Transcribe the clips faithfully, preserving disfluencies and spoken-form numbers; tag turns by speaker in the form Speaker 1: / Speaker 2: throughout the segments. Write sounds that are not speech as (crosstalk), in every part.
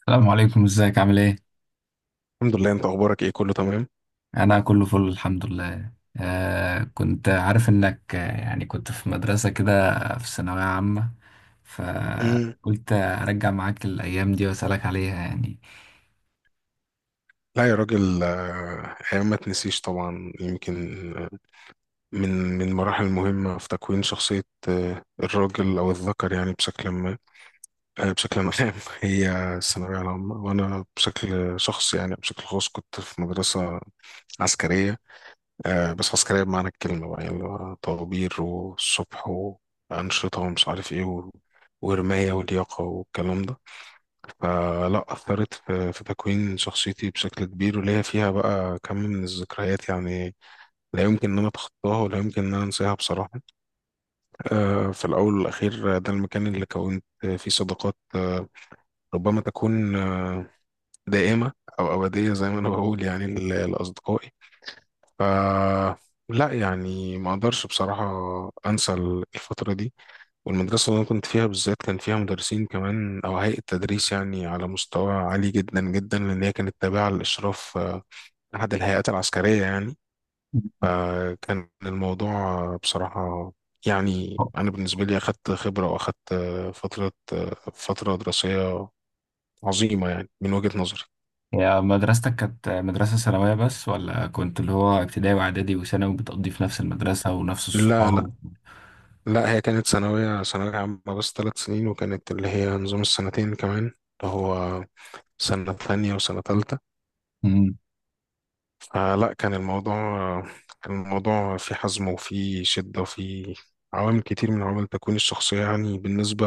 Speaker 1: السلام عليكم، ازيك؟ عامل ايه؟
Speaker 2: الحمد لله، انت اخبارك ايه؟ كله تمام.
Speaker 1: انا كله فل الحمد لله. آه، كنت عارف انك آه، يعني كنت في مدرسة كده، في ثانوية عامة،
Speaker 2: مم.
Speaker 1: فقلت ارجع معاك الايام دي واسالك عليها يعني.
Speaker 2: لا يا راجل، آه، ايام ما تنسيش طبعا. يمكن آه، من من المراحل المهمه في تكوين شخصيه آه، الراجل او الذكر، يعني بشكل ما، آه، بشكل عام، (laughs) هي الثانويه العامه. وانا بشكل شخص، يعني بشكل خاص، كنت في مدرسه عسكريه. آه، بس عسكريه بمعنى الكلمه بقى، يعني اللي هو طوابير والصبح وانشطه ومش عارف ايه و- ورمايه ولياقه والكلام ده. فلا، أثرت في في تكوين شخصيتي بشكل كبير، وليا فيها بقى كم من الذكريات، يعني لا يمكن إن أنا أتخطاها، ولا يمكن إن أنا أنساها بصراحة. آه، في الأول والأخير، آه، ده المكان اللي كونت فيه صداقات آه، ربما تكون آه، دائمة أو أبدية، زي ما أنا بقول يعني ل- لأصدقائي. ف لا يعني، ما أقدرش بصراحة أنسى الفترة دي. والمدرسة اللي أنا كنت فيها بالذات كان فيها مدرسين كمان، أو هيئة تدريس يعني على مستوى عالي جدا جدا، لأن هي كانت تابعة للإشراف، آه، أحد الهيئات العسكرية يعني. فكان الموضوع آه، بصراحة يعني، أنا بالنسبة لي أخدت خبرة، وأخدت آه، فترة آه، فترة دراسية عظيمة يعني، من وجهة نظري.
Speaker 1: يا مدرستك كانت مدرسة ثانوية بس، ولا كنت اللي هو ابتدائي واعدادي وثانوي بتقضي في نفس المدرسة ونفس
Speaker 2: لا لا،
Speaker 1: الصحاب؟
Speaker 2: لا، هي كانت ثانوية ثانوية عامة بس، ثلاث سنين، وكانت اللي هي نظام السنتين كمان، اللي هو سنة ثانية وسنة تالتة.
Speaker 1: امم.
Speaker 2: فلا كان الموضوع كان الموضوع فيه حزم وفيه شدة وفيه عوامل كتير من عوامل تكوين الشخصية، يعني بالنسبة،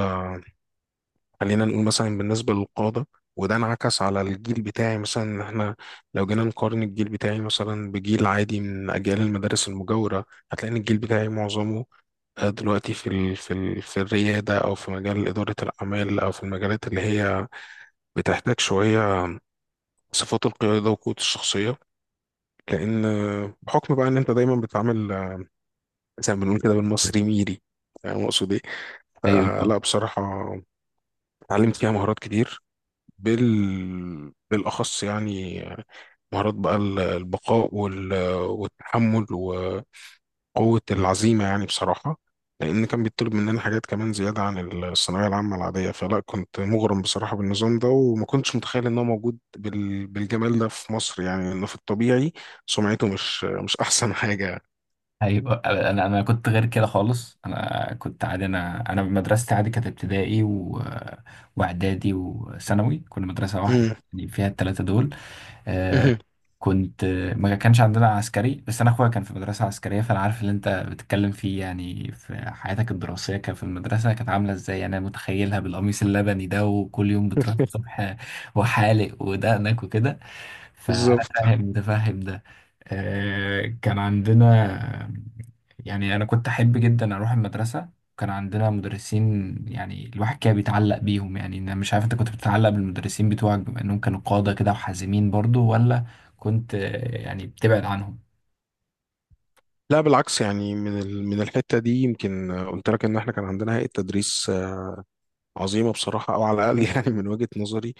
Speaker 2: خلينا نقول مثلا بالنسبة للقادة. وده انعكس على الجيل بتاعي مثلا، ان احنا لو جينا نقارن الجيل بتاعي مثلا بجيل عادي من اجيال المدارس المجاورة، هتلاقي ان الجيل بتاعي معظمه آه، دلوقتي في ال في ال في الريادة، او في مجال إدارة الأعمال، او في المجالات اللي هي بتحتاج شوية صفات القيادة وقوة الشخصية. لان آه، بحكم بقى ان انت دايما بتتعامل، آه، زي ما بنقول كده، بالمصري ميري، فاهم اقصد ايه.
Speaker 1: ايوه.
Speaker 2: فلا بصراحه، اتعلمت فيها مهارات كتير، بال بالاخص يعني آه، مهارات بقى ال- البقاء وال... والتحمل وقوه العزيمه، يعني بصراحه، لان كان بيطلب مننا حاجات كمان، زياده عن الثانويه العامه العاديه. فلا، كنت مغرم بصراحه بالنظام ده، وما كنتش متخيل ان هو موجود بال... بالجمال ده في مصر، يعني لأنه في الطبيعي سمعته مش مش احسن حاجه.
Speaker 1: ايوه، انا انا كنت غير كده خالص، انا كنت عادي. انا انا مدرستي عادي، كانت ابتدائي و... واعدادي وثانوي، كنا مدرسه واحد يعني فيها الثلاثه دول. آه.
Speaker 2: مهم.
Speaker 1: كنت، ما كانش عندنا عسكري، بس انا اخويا كان في مدرسه عسكريه، فانا عارف اللي انت بتتكلم فيه. يعني في حياتك الدراسيه، كان في المدرسه كانت عامله ازاي؟ انا متخيلها بالقميص اللبني ده، وكل يوم بتروح
Speaker 2: (laughs)
Speaker 1: الصبح وحالق ودقنك وكده. فأنا
Speaker 2: بالظبط.
Speaker 1: فاهم ده، فاهم ده. آه، كان عندنا، يعني أنا كنت أحب جدا أروح المدرسة. كان عندنا مدرسين يعني الواحد كده بيتعلق بيهم. يعني أنا مش عارف أنت كنت بتتعلق بالمدرسين بتوعك بما إنهم كانوا قادة كده وحازمين برضو، ولا كنت آه، يعني بتبعد عنهم؟
Speaker 2: لا بالعكس، يعني من ال- من الحته دي، يمكن قلت لك ان احنا كان عندنا هيئه تدريس عظيمه بصراحه، او على الاقل (laughs) يعني من وجهه نظري.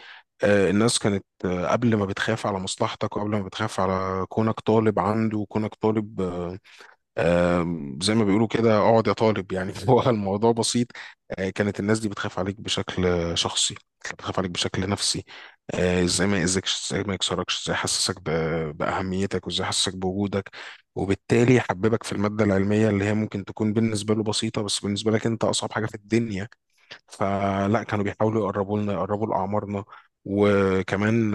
Speaker 2: آه، الناس كانت آه، قبل ما بتخاف على مصلحتك، وقبل ما بتخاف على كونك طالب عنده، وكونك طالب آه، آم، زي ما بيقولوا كده، اقعد يا طالب يعني، (laughs) هو الموضوع بسيط. آه، كانت الناس دي بتخاف عليك بشكل آه، شخصي، كانت بتخاف عليك بشكل نفسي. آه، ازاي ما يأذكش، ازاي ما يكسركش، ازاي يحسسك ب- بأهميتك، وازاي يحسسك بوجودك، وبالتالي يحببك في المادة العلمية اللي هي ممكن تكون بالنسبة له بسيطة، بس بالنسبة لك انت أصعب حاجة في الدنيا. فلا، كانوا بيحاولوا يقربوا لنا، يقربوا لأعمارنا، وكمان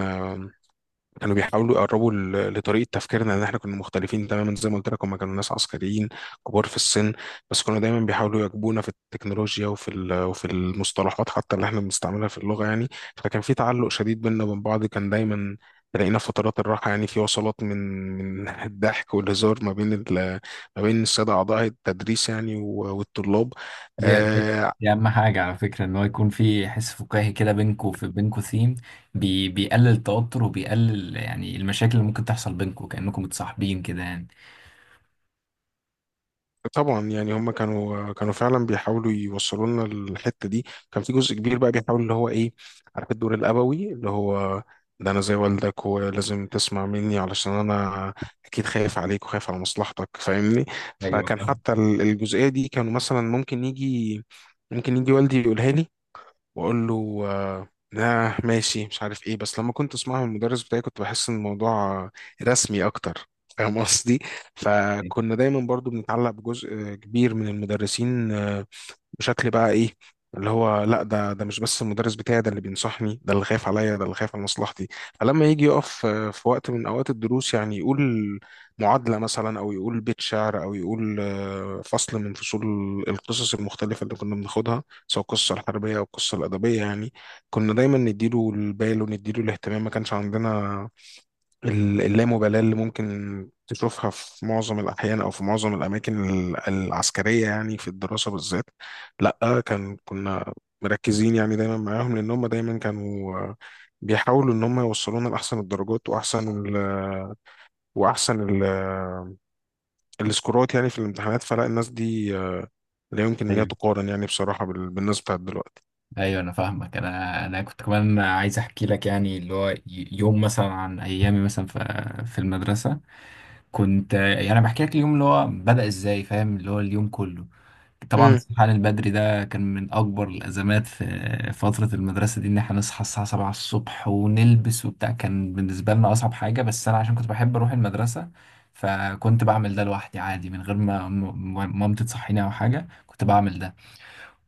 Speaker 2: كانوا بيحاولوا يقربوا ل- لطريقة تفكيرنا، لأن إحنا كنا مختلفين تماما. زي ما قلت لك، هما كانوا ناس عسكريين كبار في السن، بس كانوا دايما بيحاولوا يواكبونا في التكنولوجيا، وفي ال- وفي المصطلحات حتى اللي إحنا بنستعملها في اللغة يعني. فكان في تعلق شديد بيننا وبين بعض، كان دايما تلاقينا في فترات الراحة يعني، في وصلات من من (laughs) الضحك والهزار ما بين ال- ما بين السادة أعضاء التدريس يعني، و- والطلاب.
Speaker 1: دي, دي,
Speaker 2: آه.
Speaker 1: دي أهم حاجة على فكرة، إن هو يكون في حس فكاهي كده بينكوا، في بينكوا ثيم بي بيقلل التوتر وبيقلل يعني المشاكل اللي ممكن تحصل بينكوا، كأنكم متصاحبين كده يعني.
Speaker 2: طبعا يعني، هم كانوا كانوا فعلا بيحاولوا يوصلوا لنا الحته دي. كان في جزء كبير بقى بيحاول اللي هو ايه، عارف الدور الابوي اللي هو ده، انا زي والدك، ولازم تسمع مني علشان انا اكيد خايف عليك وخايف على مصلحتك، فاهمني.
Speaker 1: ايوه.
Speaker 2: فكان حتى ال- الجزئيه دي، كانوا مثلا ممكن يجي ممكن يجي والدي يقولها لي، واقول له آه، آه، ماشي، مش عارف ايه. بس لما كنت اسمعها من المدرس بتاعي، كنت بحس ان الموضوع آه، رسمي اكتر، فاهم قصدي. فكنا دايما برضو بنتعلق بجزء كبير من المدرسين آه، بشكل بقى ايه، اللي هو لا، ده ده مش بس المدرس بتاعي، ده اللي بينصحني، ده اللي خايف عليا، ده اللي خايف على مصلحتي. فلما يجي يقف آه، في وقت من اوقات الدروس، يعني يقول معادله مثلا، او يقول بيت شعر، او يقول آه، فصل من فصول القصص المختلفه اللي كنا بناخدها، سواء القصه الحربيه او القصه الادبيه يعني، كنا دايما نديله البال ونديله الاهتمام. ما كانش عندنا ال- اللامبالاة اللي ممكن تشوفها في معظم الأحيان، أو في معظم الأماكن ال- العسكرية، يعني في الدراسة بالذات. لأ، كان كنا مركزين يعني دايما معاهم، لأن هم دايما كانوا آه، بيحاولوا إن هم يوصلونا لأحسن الدرجات، وأحسن ال وأحسن ال السكورات يعني في الامتحانات. فلا، الناس دي آه، لا يمكن إن هي
Speaker 1: فاهم.
Speaker 2: تقارن يعني بصراحة بال- بالناس بتاعت دلوقتي.
Speaker 1: ايوه انا فاهمك. انا انا كنت كمان عايز احكي لك، يعني اللي هو ي- يوم مثلا عن ايامي مثلا في في المدرسه. كنت يعني انا بحكي لك اليوم اللي هو بدا ازاي، فاهم؟ اللي هو اليوم كله. طبعا
Speaker 2: مم.
Speaker 1: الصحيان البدري ده كان من اكبر الازمات في فتره المدرسه دي، ان احنا نصحى الساعه سبعة الصبح ونلبس وبتاع، كان بالنسبه لنا اصعب حاجه. بس انا عشان كنت بحب اروح المدرسه، فكنت بعمل ده لوحدي عادي من غير ما ما- ما- مامتي تصحيني او حاجه، كنت بعمل ده.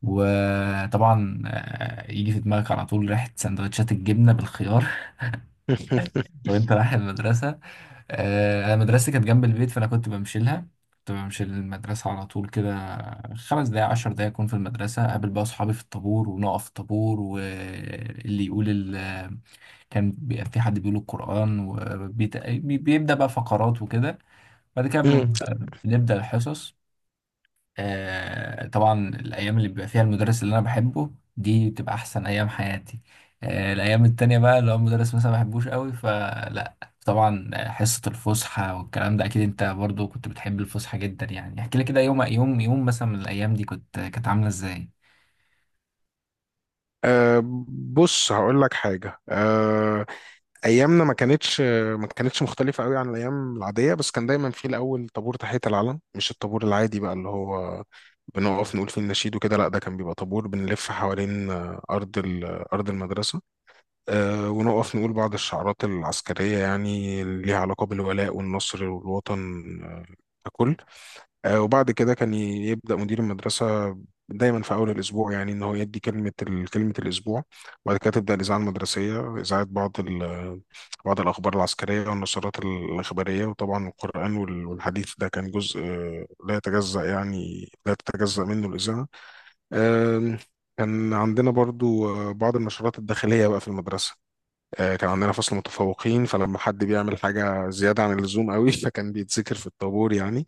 Speaker 1: وطبعا آه، يجي في دماغك على طول ريحة سندوتشات الجبنة بالخيار (laughs) وانت
Speaker 2: (laughs)
Speaker 1: رايح المدرسة. آه، انا مدرستي كانت جنب البيت، فانا كنت بمشي لها، كنت بمشي للمدرسة على طول كده. خمس دقايق عشر دقايق أكون في المدرسة، أقابل بقى أصحابي في الطابور ونقف في الطابور، واللي يقول ال... كان بيبقى في حد بيقول القرآن وبيبدأ بقى فقرات وكده. بعد كده
Speaker 2: مم.
Speaker 1: بن- بنبدأ الحصص. آه، طبعا الأيام اللي بيبقى فيها المدرس اللي أنا بحبه، دي بتبقى أحسن أيام حياتي. آه، الأيام التانية بقى لو المدرس مثلا ما بحبوش قوي، فلا. طبعا آه، حصة الفسحة والكلام ده، أكيد أنت برضو كنت بتحب الفسحة جدا. يعني احكي لي كده، يوم يوم يوم مثلا من الأيام دي كنت كانت عاملة إزاي؟
Speaker 2: أه، بص، هقول لك حاجة. أه، ايامنا ما كانتش ما كانتش مختلفه قوي عن الايام العاديه، بس كان دايما في الاول طابور تحيه العلم، مش الطابور العادي بقى اللي هو بنقف نقول فيه النشيد وكده. لا، ده كان بيبقى طابور بنلف حوالين آه، ارض ال- ارض المدرسه، آه، ونقف نقول بعض الشعارات العسكريه، يعني اللي ليها علاقه بالولاء والنصر والوطن آه، ككل. آه، وبعد كده كان ي- يبدأ مدير المدرسة دايما في أول الأسبوع يعني، إن هو يدي كلمة ال- كلمة الأسبوع. وبعد كده تبدأ الإذاعة المدرسية، إذاعة بعض ال- بعض الأخبار العسكرية والنشرات الإخبارية، وطبعا القرآن وال- والحديث، ده كان جزء آه، لا يتجزأ، يعني لا تتجزأ منه الإذاعة. آم، كان عندنا برضو آه، بعض النشرات الداخلية بقى في المدرسة. آه، كان عندنا فصل متفوقين، فلما حد بيعمل حاجة زيادة عن اللزوم قوي، (laughs) فكان بيتذكر في الطابور يعني.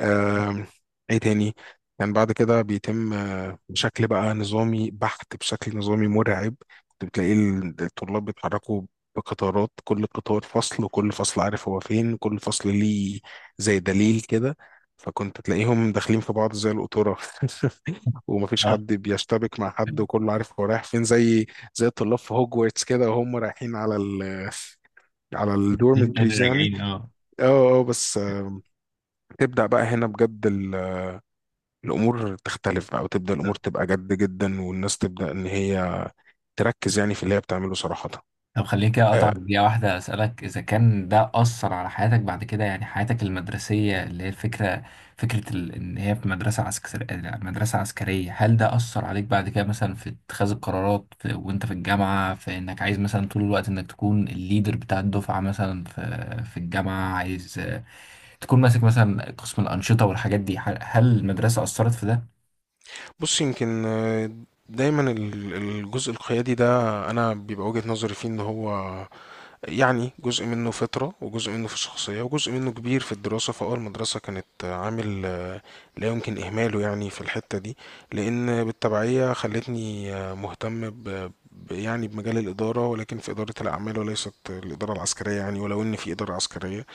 Speaker 2: آم، ايه تاني؟ كان بعد كده بيتم آه، بشكل بقى نظامي بحت، بشكل نظامي مرعب. كنت بتلاقي ال- الطلاب بيتحركوا بقطارات، كل قطار فصل، وكل فصل عارف هو فين، كل فصل ليه زي دليل كده. فكنت تلاقيهم داخلين في بعض زي القطورة، (laughs) ومفيش
Speaker 1: اه.
Speaker 2: حد بيشتبك مع حد،
Speaker 1: (laughs)
Speaker 2: وكله عارف هو رايح فين، زي زي الطلاب في هوجورتس كده، وهم رايحين على ال، على
Speaker 1: اتنين تاني
Speaker 2: الدورمتريز يعني.
Speaker 1: راجعين اه.
Speaker 2: اه. اه، بس آه، تبدأ بقى هنا بجد الامور تختلف بقى، وتبدا الامور تبقى جد جدا، والناس تبدا ان هي تركز يعني في اللي هي بتعمله صراحه.
Speaker 1: طب خليني كده اقطع
Speaker 2: آه،
Speaker 1: دقيقة واحدة اسألك، اذا كان ده اثر على حياتك بعد كده؟ يعني حياتك المدرسية، اللي هي الفكرة، فكرة ال... ان هي في مدرسة عسكرية، مدرسة عسكرية، هل ده اثر عليك بعد كده مثلا في اتخاذ القرارات في... وانت في الجامعة، في انك عايز مثلا طول الوقت انك تكون الليدر بتاع الدفعة مثلا في في الجامعة، عايز آه، تكون ماسك مثلا قسم الأنشطة والحاجات دي؟ هل هل المدرسة اثرت في ده؟
Speaker 2: بص، يمكن آه، دايما ال- الجزء القيادي ده، انا بيبقى وجهة نظري فيه ان هو يعني جزء منه فطرة، وجزء منه في الشخصية، وجزء منه كبير في الدراسة. فأول المدرسة كانت عامل آه، لا يمكن إهماله يعني في الحتة دي، لأن بالتبعية خلتني آه، مهتم ب ب- يعني بمجال الإدارة، ولكن في إدارة الأعمال وليست الإدارة العسكرية يعني، ولو إن في إدارة عسكرية.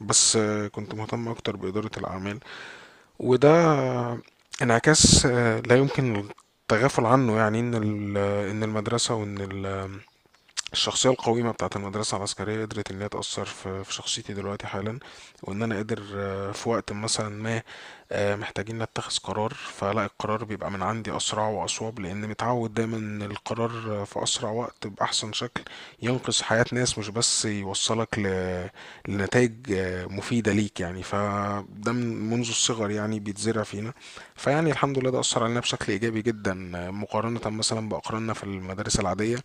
Speaker 2: بس آه، كنت مهتم أكتر بإدارة الأعمال. وده آه، انعكاس آه، لا يمكن التغافل عنه، يعني إن ال- آه، إن المدرسة وإن ال- الشخصية القويمة بتاعة المدرسة العسكرية قدرت إن هي تأثر في في شخصيتي دلوقتي حالا. وإن أنا قادر آه، في وقت مثلا ما آه، محتاجين نتخذ قرار، فلا القرار بيبقى من عندي أسرع وأصوب، لأن متعود دايما إن القرار آه، في أسرع وقت بأحسن شكل ينقذ حياة ناس، مش بس يوصلك ل... لنتائج آه، مفيدة ليك يعني. فده من منذ الصغر يعني بيتزرع فينا. فيعني الحمد لله، ده أثر علينا بشكل إيجابي جدا، آه، مقارنة مثلا بأقراننا في المدارس العادية،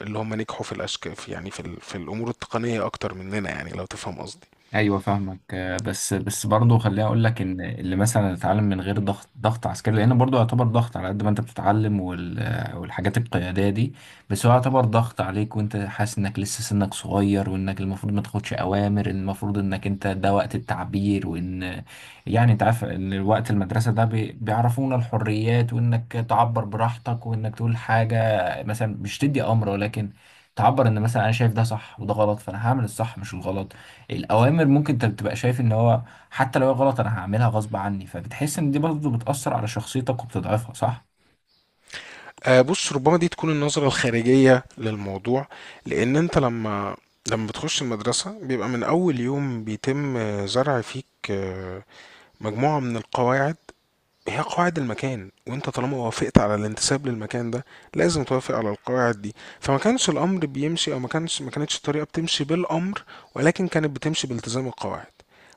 Speaker 2: اللي هم نجحوا في الأشك في يعني في, ال... في الأمور التقنية أكتر مننا، يعني لو تفهم قصدي.
Speaker 1: ايوه فاهمك. آه، بس بس برضه خليني اقول لك، ان اللي مثلا اتعلم من غير ضغط، ضغط عسكري، لان برضه يعتبر ضغط، على قد ما انت بتتعلم وال آه، والحاجات القياديه دي، بس هو يعتبر ضغط عليك، وانت حاسس انك لسه سنك صغير، وانك المفروض ما تاخدش اوامر، المفروض انك انت ده وقت التعبير. وان، يعني انت عارف ان وقت المدرسه ده بي- بيعرفونا الحريات، وانك تعبر براحتك، وانك تقول حاجه مثلا مش تدي امر، ولكن تعبر ان مثلا انا شايف ده صح وده غلط، فانا هعمل الصح مش الغلط. الأوامر ممكن أنت بتبقى شايف إن هو حتى لو هي غلط، أنا هعملها غصب عني، فبتحس إن دي برضه بتأثر على شخصيتك وبتضعفها، صح؟
Speaker 2: آه، بص، ربما دي تكون النظرة الخارجية للموضوع. لأن أنت لما لما بتخش المدرسة، بيبقى من أول يوم بيتم آه، زرع فيك آه، مجموعة من القواعد. هي قواعد المكان، وانت طالما وافقت على الانتساب للمكان ده، لازم توافق على القواعد دي. فما كانش الامر بيمشي، او ما كانش ما كانتش الطريقه بتمشي بالامر، ولكن كانت بتمشي بالتزام القواعد.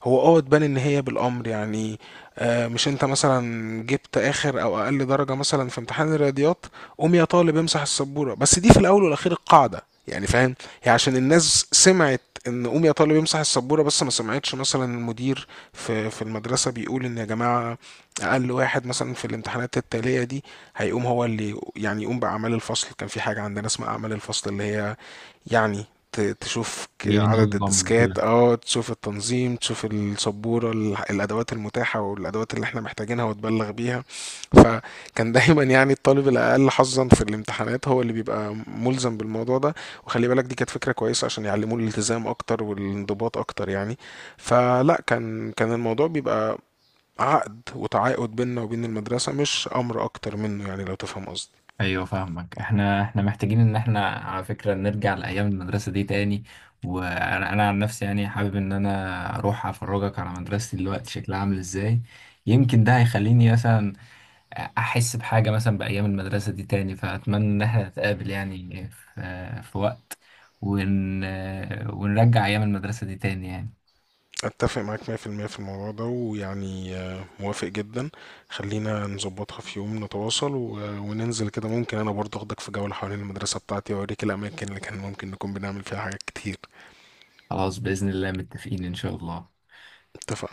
Speaker 2: هو اه تبان ان هي بالامر يعني. آه، مش انت مثلا جبت اخر او اقل درجه مثلا في امتحان الرياضيات، قوم يا طالب امسح السبوره، بس دي في الاول والاخير القاعده. يعني فاهم، هي عشان الناس سمعت ان قوم يا طالب امسح السبوره، بس ما سمعتش مثلا المدير في في المدرسه بيقول ان يا جماعه، اقل واحد مثلا في الامتحانات التاليه دي هيقوم هو اللي يعني يقوم باعمال الفصل. كان في حاجه عندنا اسمها اعمال الفصل، اللي هي يعني، ت- تشوف ك- عدد
Speaker 1: ينظم
Speaker 2: الديسكات،
Speaker 1: وكده.
Speaker 2: اه تشوف التنظيم، تشوف السبوره ال- الادوات المتاحه والادوات اللي احنا محتاجينها، وتبلغ بيها. فكان دايما يعني الطالب الاقل حظا في الامتحانات هو اللي بيبقى ملزم بالموضوع ده. وخلي بالك، دي كانت فكره كويسه عشان يعلموه الالتزام اكتر والانضباط اكتر يعني. فلا، كان كان الموضوع بيبقى عقد وتعاقد بيننا وبين المدرسة، مش أمر أكتر منه، يعني لو تفهم قصدي.
Speaker 1: ايوه فاهمك. احنا احنا محتاجين ان احنا على فكره نرجع لايام المدرسه دي تاني. وانا انا عن نفسي يعني حابب ان انا اروح افرجك على مدرستي دلوقتي شكلها عامل ازاي. يمكن ده هيخليني مثلا احس بحاجه مثلا بايام المدرسه دي تاني. فاتمنى ان احنا نتقابل يعني في في وقت، ون... ونرجع ايام المدرسه دي تاني يعني.
Speaker 2: أتفق معاك مية في المية في المية في الموضوع ده، ويعني آه، موافق جدا. خلينا نظبطها في يوم، نتواصل و- وننزل كده، ممكن أنا برضه أخدك في جولة حوالين المدرسة بتاعتي، وأوريك الأماكن اللي كان ممكن نكون بنعمل فيها حاجات كتير.
Speaker 1: خلاص باذن الله، متفقين ان شاء الله.
Speaker 2: اتفق.